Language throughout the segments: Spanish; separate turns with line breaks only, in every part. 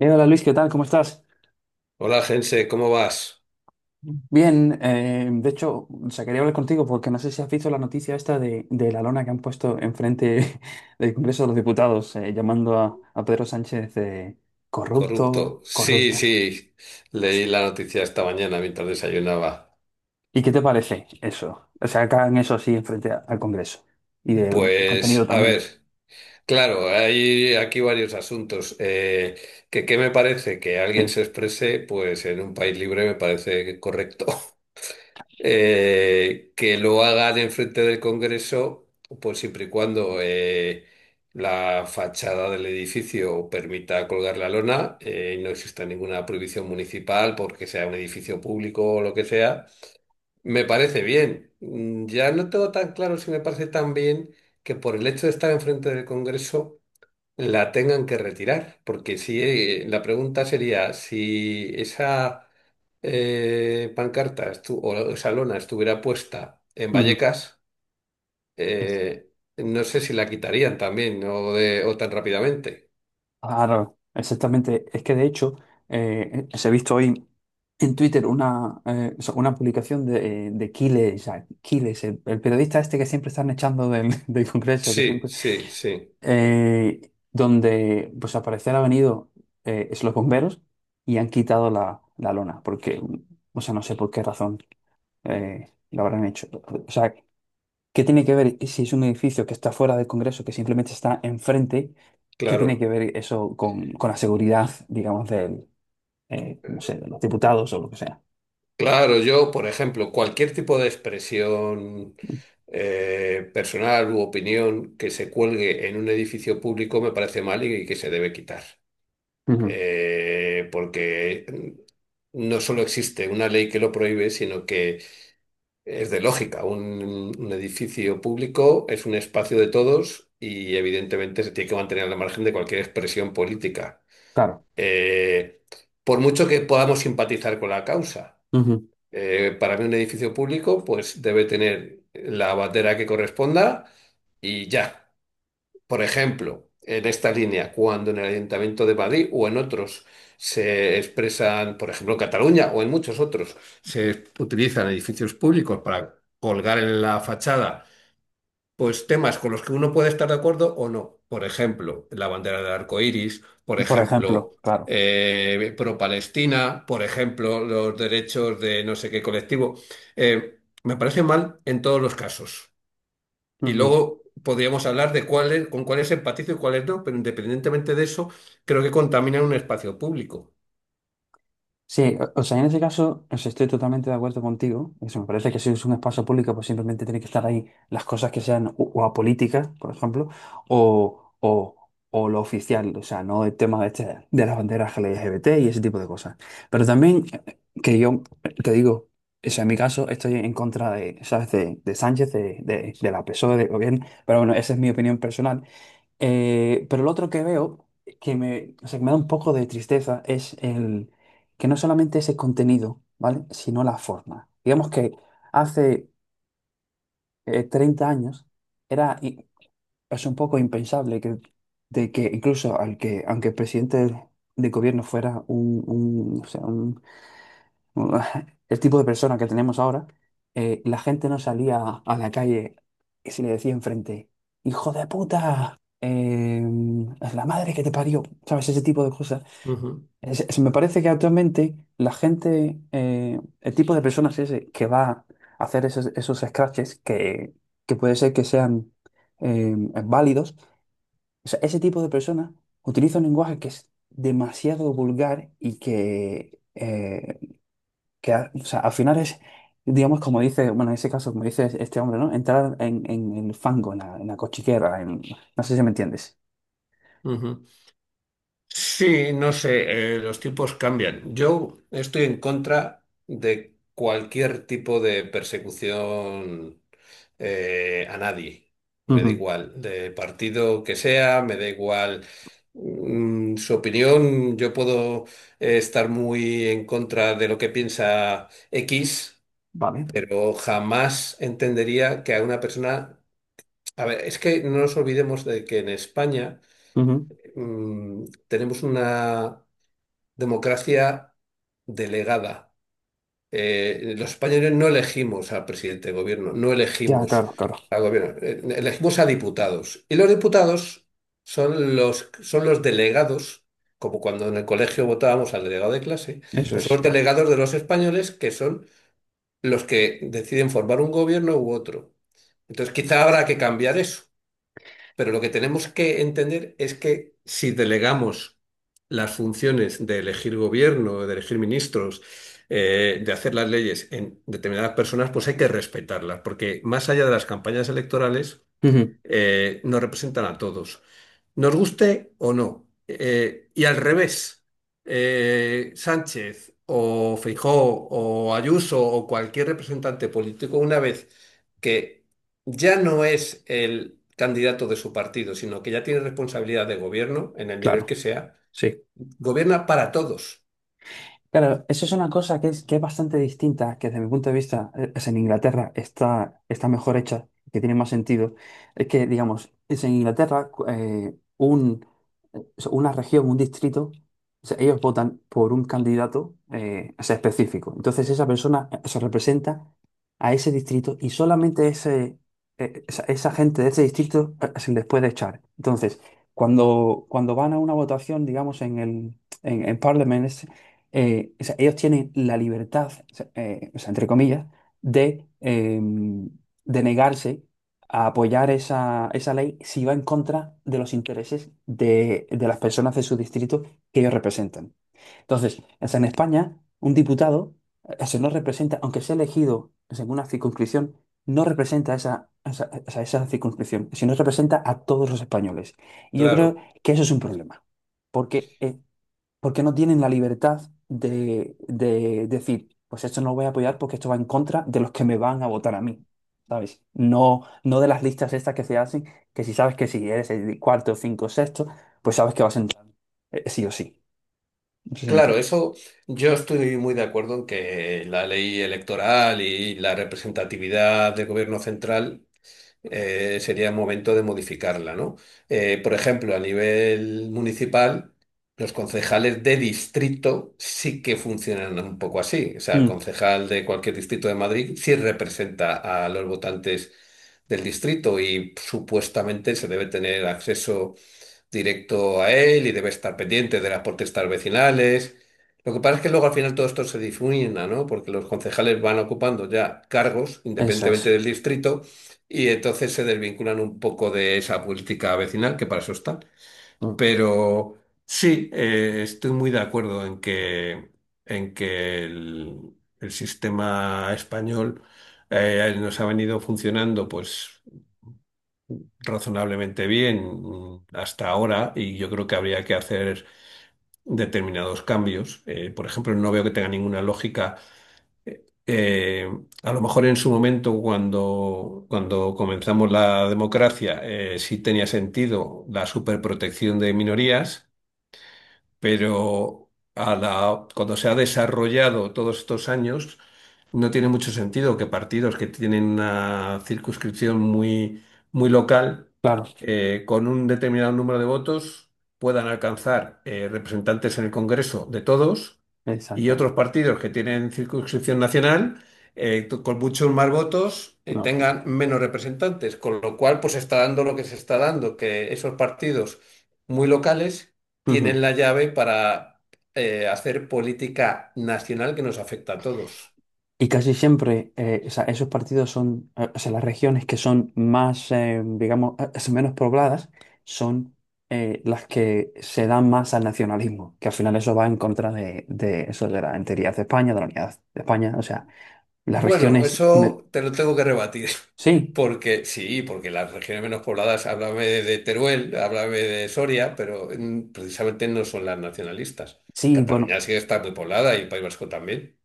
Hola, Luis, ¿qué tal? ¿Cómo estás?
Hola, Gense, ¿cómo vas?
Bien, de hecho, o sea, quería hablar contigo porque no sé si has visto la noticia esta de la lona que han puesto enfrente del Congreso de los Diputados, llamando a Pedro Sánchez de corrupto,
Corrupto. Sí,
corrúptalo.
sí, leí la noticia esta mañana mientras desayunaba.
¿Y qué te parece eso? O sea, que hagan eso así enfrente al Congreso y del el contenido
Pues, a
también.
ver, claro, hay aquí varios asuntos. Que, ¿qué me parece? Que alguien
Sí.
se exprese, pues en un país libre me parece correcto. Que lo hagan enfrente del Congreso, pues siempre y cuando la fachada del edificio permita colgar la lona y no exista ninguna prohibición municipal porque sea un edificio público o lo que sea, me parece bien. Ya no tengo tan claro si me parece tan bien que por el hecho de estar enfrente del Congreso la tengan que retirar, porque si la pregunta sería si esa o esa lona estuviera puesta en
Ujú.
Vallecas, eh, no sé si la quitarían también, ¿no? O tan rápidamente.
Claro, exactamente. Es que de hecho, se ha visto hoy en Twitter una, o sea, una publicación de Quiles, o sea, Quiles, el periodista este que siempre están echando del, del Congreso, que
Sí,
siempre,
sí, sí,
eh, donde pues al parecer ha venido es los bomberos y han quitado la lona, porque, o sea, no sé por qué razón lo habrán hecho. O sea, ¿qué tiene que ver si es un edificio que está fuera del Congreso, que simplemente está enfrente? ¿Qué tiene
claro.
que ver eso con la seguridad, digamos, del, no sé, de los diputados o lo que sea?
Claro, yo, por ejemplo, cualquier tipo de expresión personal u opinión que se cuelgue en un edificio público me parece mal y que se debe quitar.
Ujú.
Porque no solo existe una ley que lo prohíbe, sino que es de lógica, un edificio público es un espacio de todos y evidentemente se tiene que mantener al margen de cualquier expresión política.
Claro.
Eh, por mucho que podamos simpatizar con la causa, para mí un edificio público pues debe tener la bandera que corresponda y ya. Por ejemplo, en esta línea, cuando en el Ayuntamiento de Madrid o en otros se expresan, por ejemplo, en Cataluña o en muchos otros, se utilizan edificios públicos para colgar en la fachada, pues temas con los que uno puede estar de acuerdo o no. Por ejemplo, la bandera del arco iris, por
Ujú. Por
ejemplo,
ejemplo, claro.
pro-Palestina, por ejemplo, los derechos de no sé qué colectivo. Me parece mal en todos los casos. Y
Ujú.
luego podríamos hablar de cuáles, con cuáles empatizo y cuáles no, pero independientemente de eso, creo que contaminan un espacio público.
Sí, o sea, en ese caso, o sea, estoy totalmente de acuerdo contigo. Eso me parece que si es un espacio público, pues simplemente tiene que estar ahí las cosas que sean o apolíticas, por ejemplo, o, o, o lo oficial, o sea, no el tema de, este, de las banderas LGBT y ese tipo de cosas. Pero también que yo te digo, o sea, en mi caso estoy en contra de, ¿sabes? De Sánchez, de la PSOE, de gobierno, pero bueno, esa es mi opinión personal. Pero lo otro que veo, que me, o sea, que me da un poco de tristeza, es el que no solamente es el contenido, ¿vale? Sino la forma. Digamos que hace 30 años era i- es un poco impensable que, de que incluso al que, aunque el presidente de gobierno fuera un o sea un, el tipo de persona que tenemos ahora, la gente no salía a la calle y se le decía enfrente, hijo de puta, es la madre que te parió, ¿sabes? Ese tipo de cosas.
Ujú,
Me parece que actualmente la gente, el tipo de personas ese que va a hacer esos scratches que puede ser que sean eh, válidos, o sea, ese tipo de personas utiliza un lenguaje que es demasiado vulgar y que o sea, al final es, digamos, como dice, bueno, en ese caso, como dice este hombre, ¿no? Entrar en el fango, en la cochiquera, no sé si me entiendes.
ujú. Sí, no sé, los tiempos cambian. Yo estoy en contra de cualquier tipo de persecución a nadie. Me da
Ujú.
igual, de partido que sea, me da igual. Su opinión, yo puedo estar muy en contra de lo que piensa X,
Vale.
pero jamás entendería que a una persona... A ver, es que no nos olvidemos de que en España
Ujú.
tenemos una democracia delegada. Los españoles no elegimos al presidente de gobierno, no
Ya,
elegimos
claro, claro.
al gobierno, elegimos a diputados. Y los diputados son los delegados, como cuando en el colegio votábamos al delegado de clase,
Eso
pues
es,
son los
claro.
delegados de los españoles que son los que deciden formar un gobierno u otro. Entonces, quizá habrá que cambiar eso, pero lo que tenemos que entender es que si delegamos las funciones de elegir gobierno, de elegir ministros, de hacer las leyes en determinadas personas, pues hay que respetarlas, porque más allá de las campañas electorales,
Ujú.
nos representan a todos, nos guste o no. Y al revés, Sánchez o Feijóo o Ayuso o cualquier representante político, una vez que ya no es el candidato de su partido, sino que ya tiene responsabilidad de gobierno en el nivel
Claro,
que sea,
sí.
gobierna para todos,
Claro, eso es una cosa que es bastante distinta, que desde mi punto de vista, es en Inglaterra está, está mejor hecha, que tiene más sentido. Es que, digamos, es en Inglaterra eh, una región, un distrito, o sea, ellos votan por un candidato o sea, específico. Entonces esa persona se representa a ese distrito y solamente ese, esa gente de ese distrito se les puede echar. Entonces, cuando van a una votación, digamos, en Parliament, o sea, ellos tienen la libertad, o sea, entre comillas, de, eh, de negarse a apoyar esa ley si va en contra de los intereses de las personas de su distrito que ellos representan. Entonces, o sea, en España, un diputado, se no representa, aunque sea elegido o sea, en una circunscripción, no representa esa circunscripción, sino representa a todos los españoles. Y yo creo
claro.
que eso es un problema, porque porque no tienen la libertad de decir, pues esto no lo voy a apoyar porque esto va en contra de los que me van a votar a mí, ¿sabes? No de las listas estas que se hacen, que si sabes que si eres el cuarto, cinco, sexto, pues sabes que vas a entrar, sí o sí. No sé si me
Claro,
entiendes.
eso yo estoy muy de acuerdo en que la ley electoral y la representatividad del gobierno central sería momento de modificarla, ¿no? Por ejemplo, a nivel municipal, los concejales de distrito sí que funcionan un poco así. O sea, el
Mm,
concejal de cualquier distrito de Madrid sí representa a los votantes del distrito y supuestamente se debe tener acceso directo a él y debe estar pendiente de las protestas vecinales. Lo que pasa es que luego al final todo esto se difumina, ¿no? Porque los concejales van ocupando ya cargos
eso
independientemente
es.
del distrito y entonces se desvinculan un poco de esa política vecinal, que para eso están.
Mm,
Pero sí, estoy muy de acuerdo en que el sistema español nos ha venido funcionando, pues razonablemente bien hasta ahora y yo creo que habría que hacer determinados cambios. Por ejemplo, no veo que tenga ninguna lógica. eh, a lo mejor en su momento, cuando comenzamos la democracia, sí tenía sentido la superprotección de minorías, pero a la- cuando se ha desarrollado todos estos años, no tiene mucho sentido que partidos que tienen una circunscripción muy local,
claro,
con un determinado número de votos, puedan alcanzar representantes en el Congreso de todos y
exactamente.
otros partidos que tienen circunscripción nacional con muchos más votos,
No,
tengan menos representantes, con lo cual pues está dando lo que se está dando, que esos partidos muy locales
pa-
tienen la llave para hacer política nacional que nos afecta a todos.
Y casi siempre o sea, esos partidos son, o sea, las regiones que son más, digamos, son menos pobladas, son las que se dan más al nacionalismo, que al final eso va en contra de eso de la enteridad de España, de la unidad de España. O sea, las
Bueno,
regiones... me-
eso te lo tengo que rebatir.
Sí,
Porque sí, porque las regiones menos pobladas, háblame de Teruel, háblame de Soria, pero precisamente no son las nacionalistas.
sí, bueno.
Cataluña sí está muy poblada y el País Vasco también.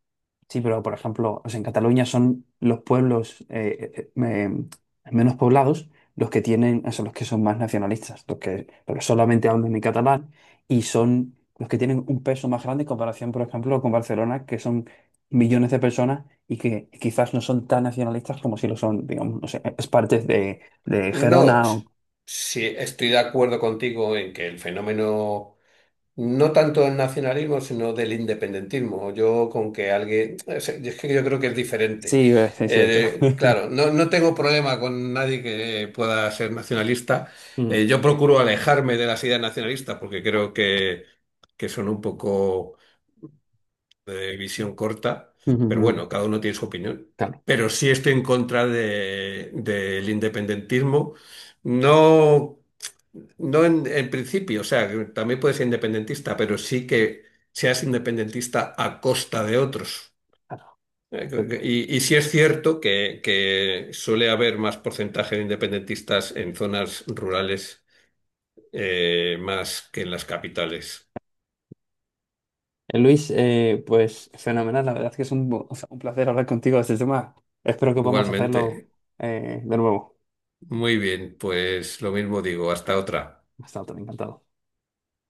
Sí, pero por ejemplo, o sea, en Cataluña son los pueblos menos poblados los que tienen, o sea, los que son más nacionalistas, los que, porque solamente hablan en catalán y son los que tienen un peso más grande en comparación, por ejemplo, con Barcelona, que son millones de personas y que quizás no son tan nacionalistas como si lo son, digamos, no sé, es parte de
No,
Gerona
s-
o...
sí, estoy de acuerdo contigo en que el fenómeno no tanto del nacionalismo, sino del independentismo. Yo con que alguien... es que yo creo que es diferente.
Sí, es cierto.
Claro, no, no tengo problema con nadie que pueda ser nacionalista.
Mm.
Yo procuro alejarme de las ideas nacionalistas porque creo que son un poco de visión corta,
Ujú,
pero
ujú.
bueno, cada uno tiene su opinión.
Claro,
Pero sí estoy en contra de- del independentismo, no, no en principio, o sea, que también puedes ser independentista, pero sí que seas independentista a costa de otros.
claro.
Y sí es cierto que suele haber más porcentaje de independentistas en zonas rurales más que en las capitales.
Luis, pues fenomenal, la verdad es que es un, o sea, un placer hablar contigo de este tema. Espero que podamos hacerlo
Igualmente.
de nuevo.
Muy bien, pues lo mismo digo, hasta otra.
Hasta otro, encantado.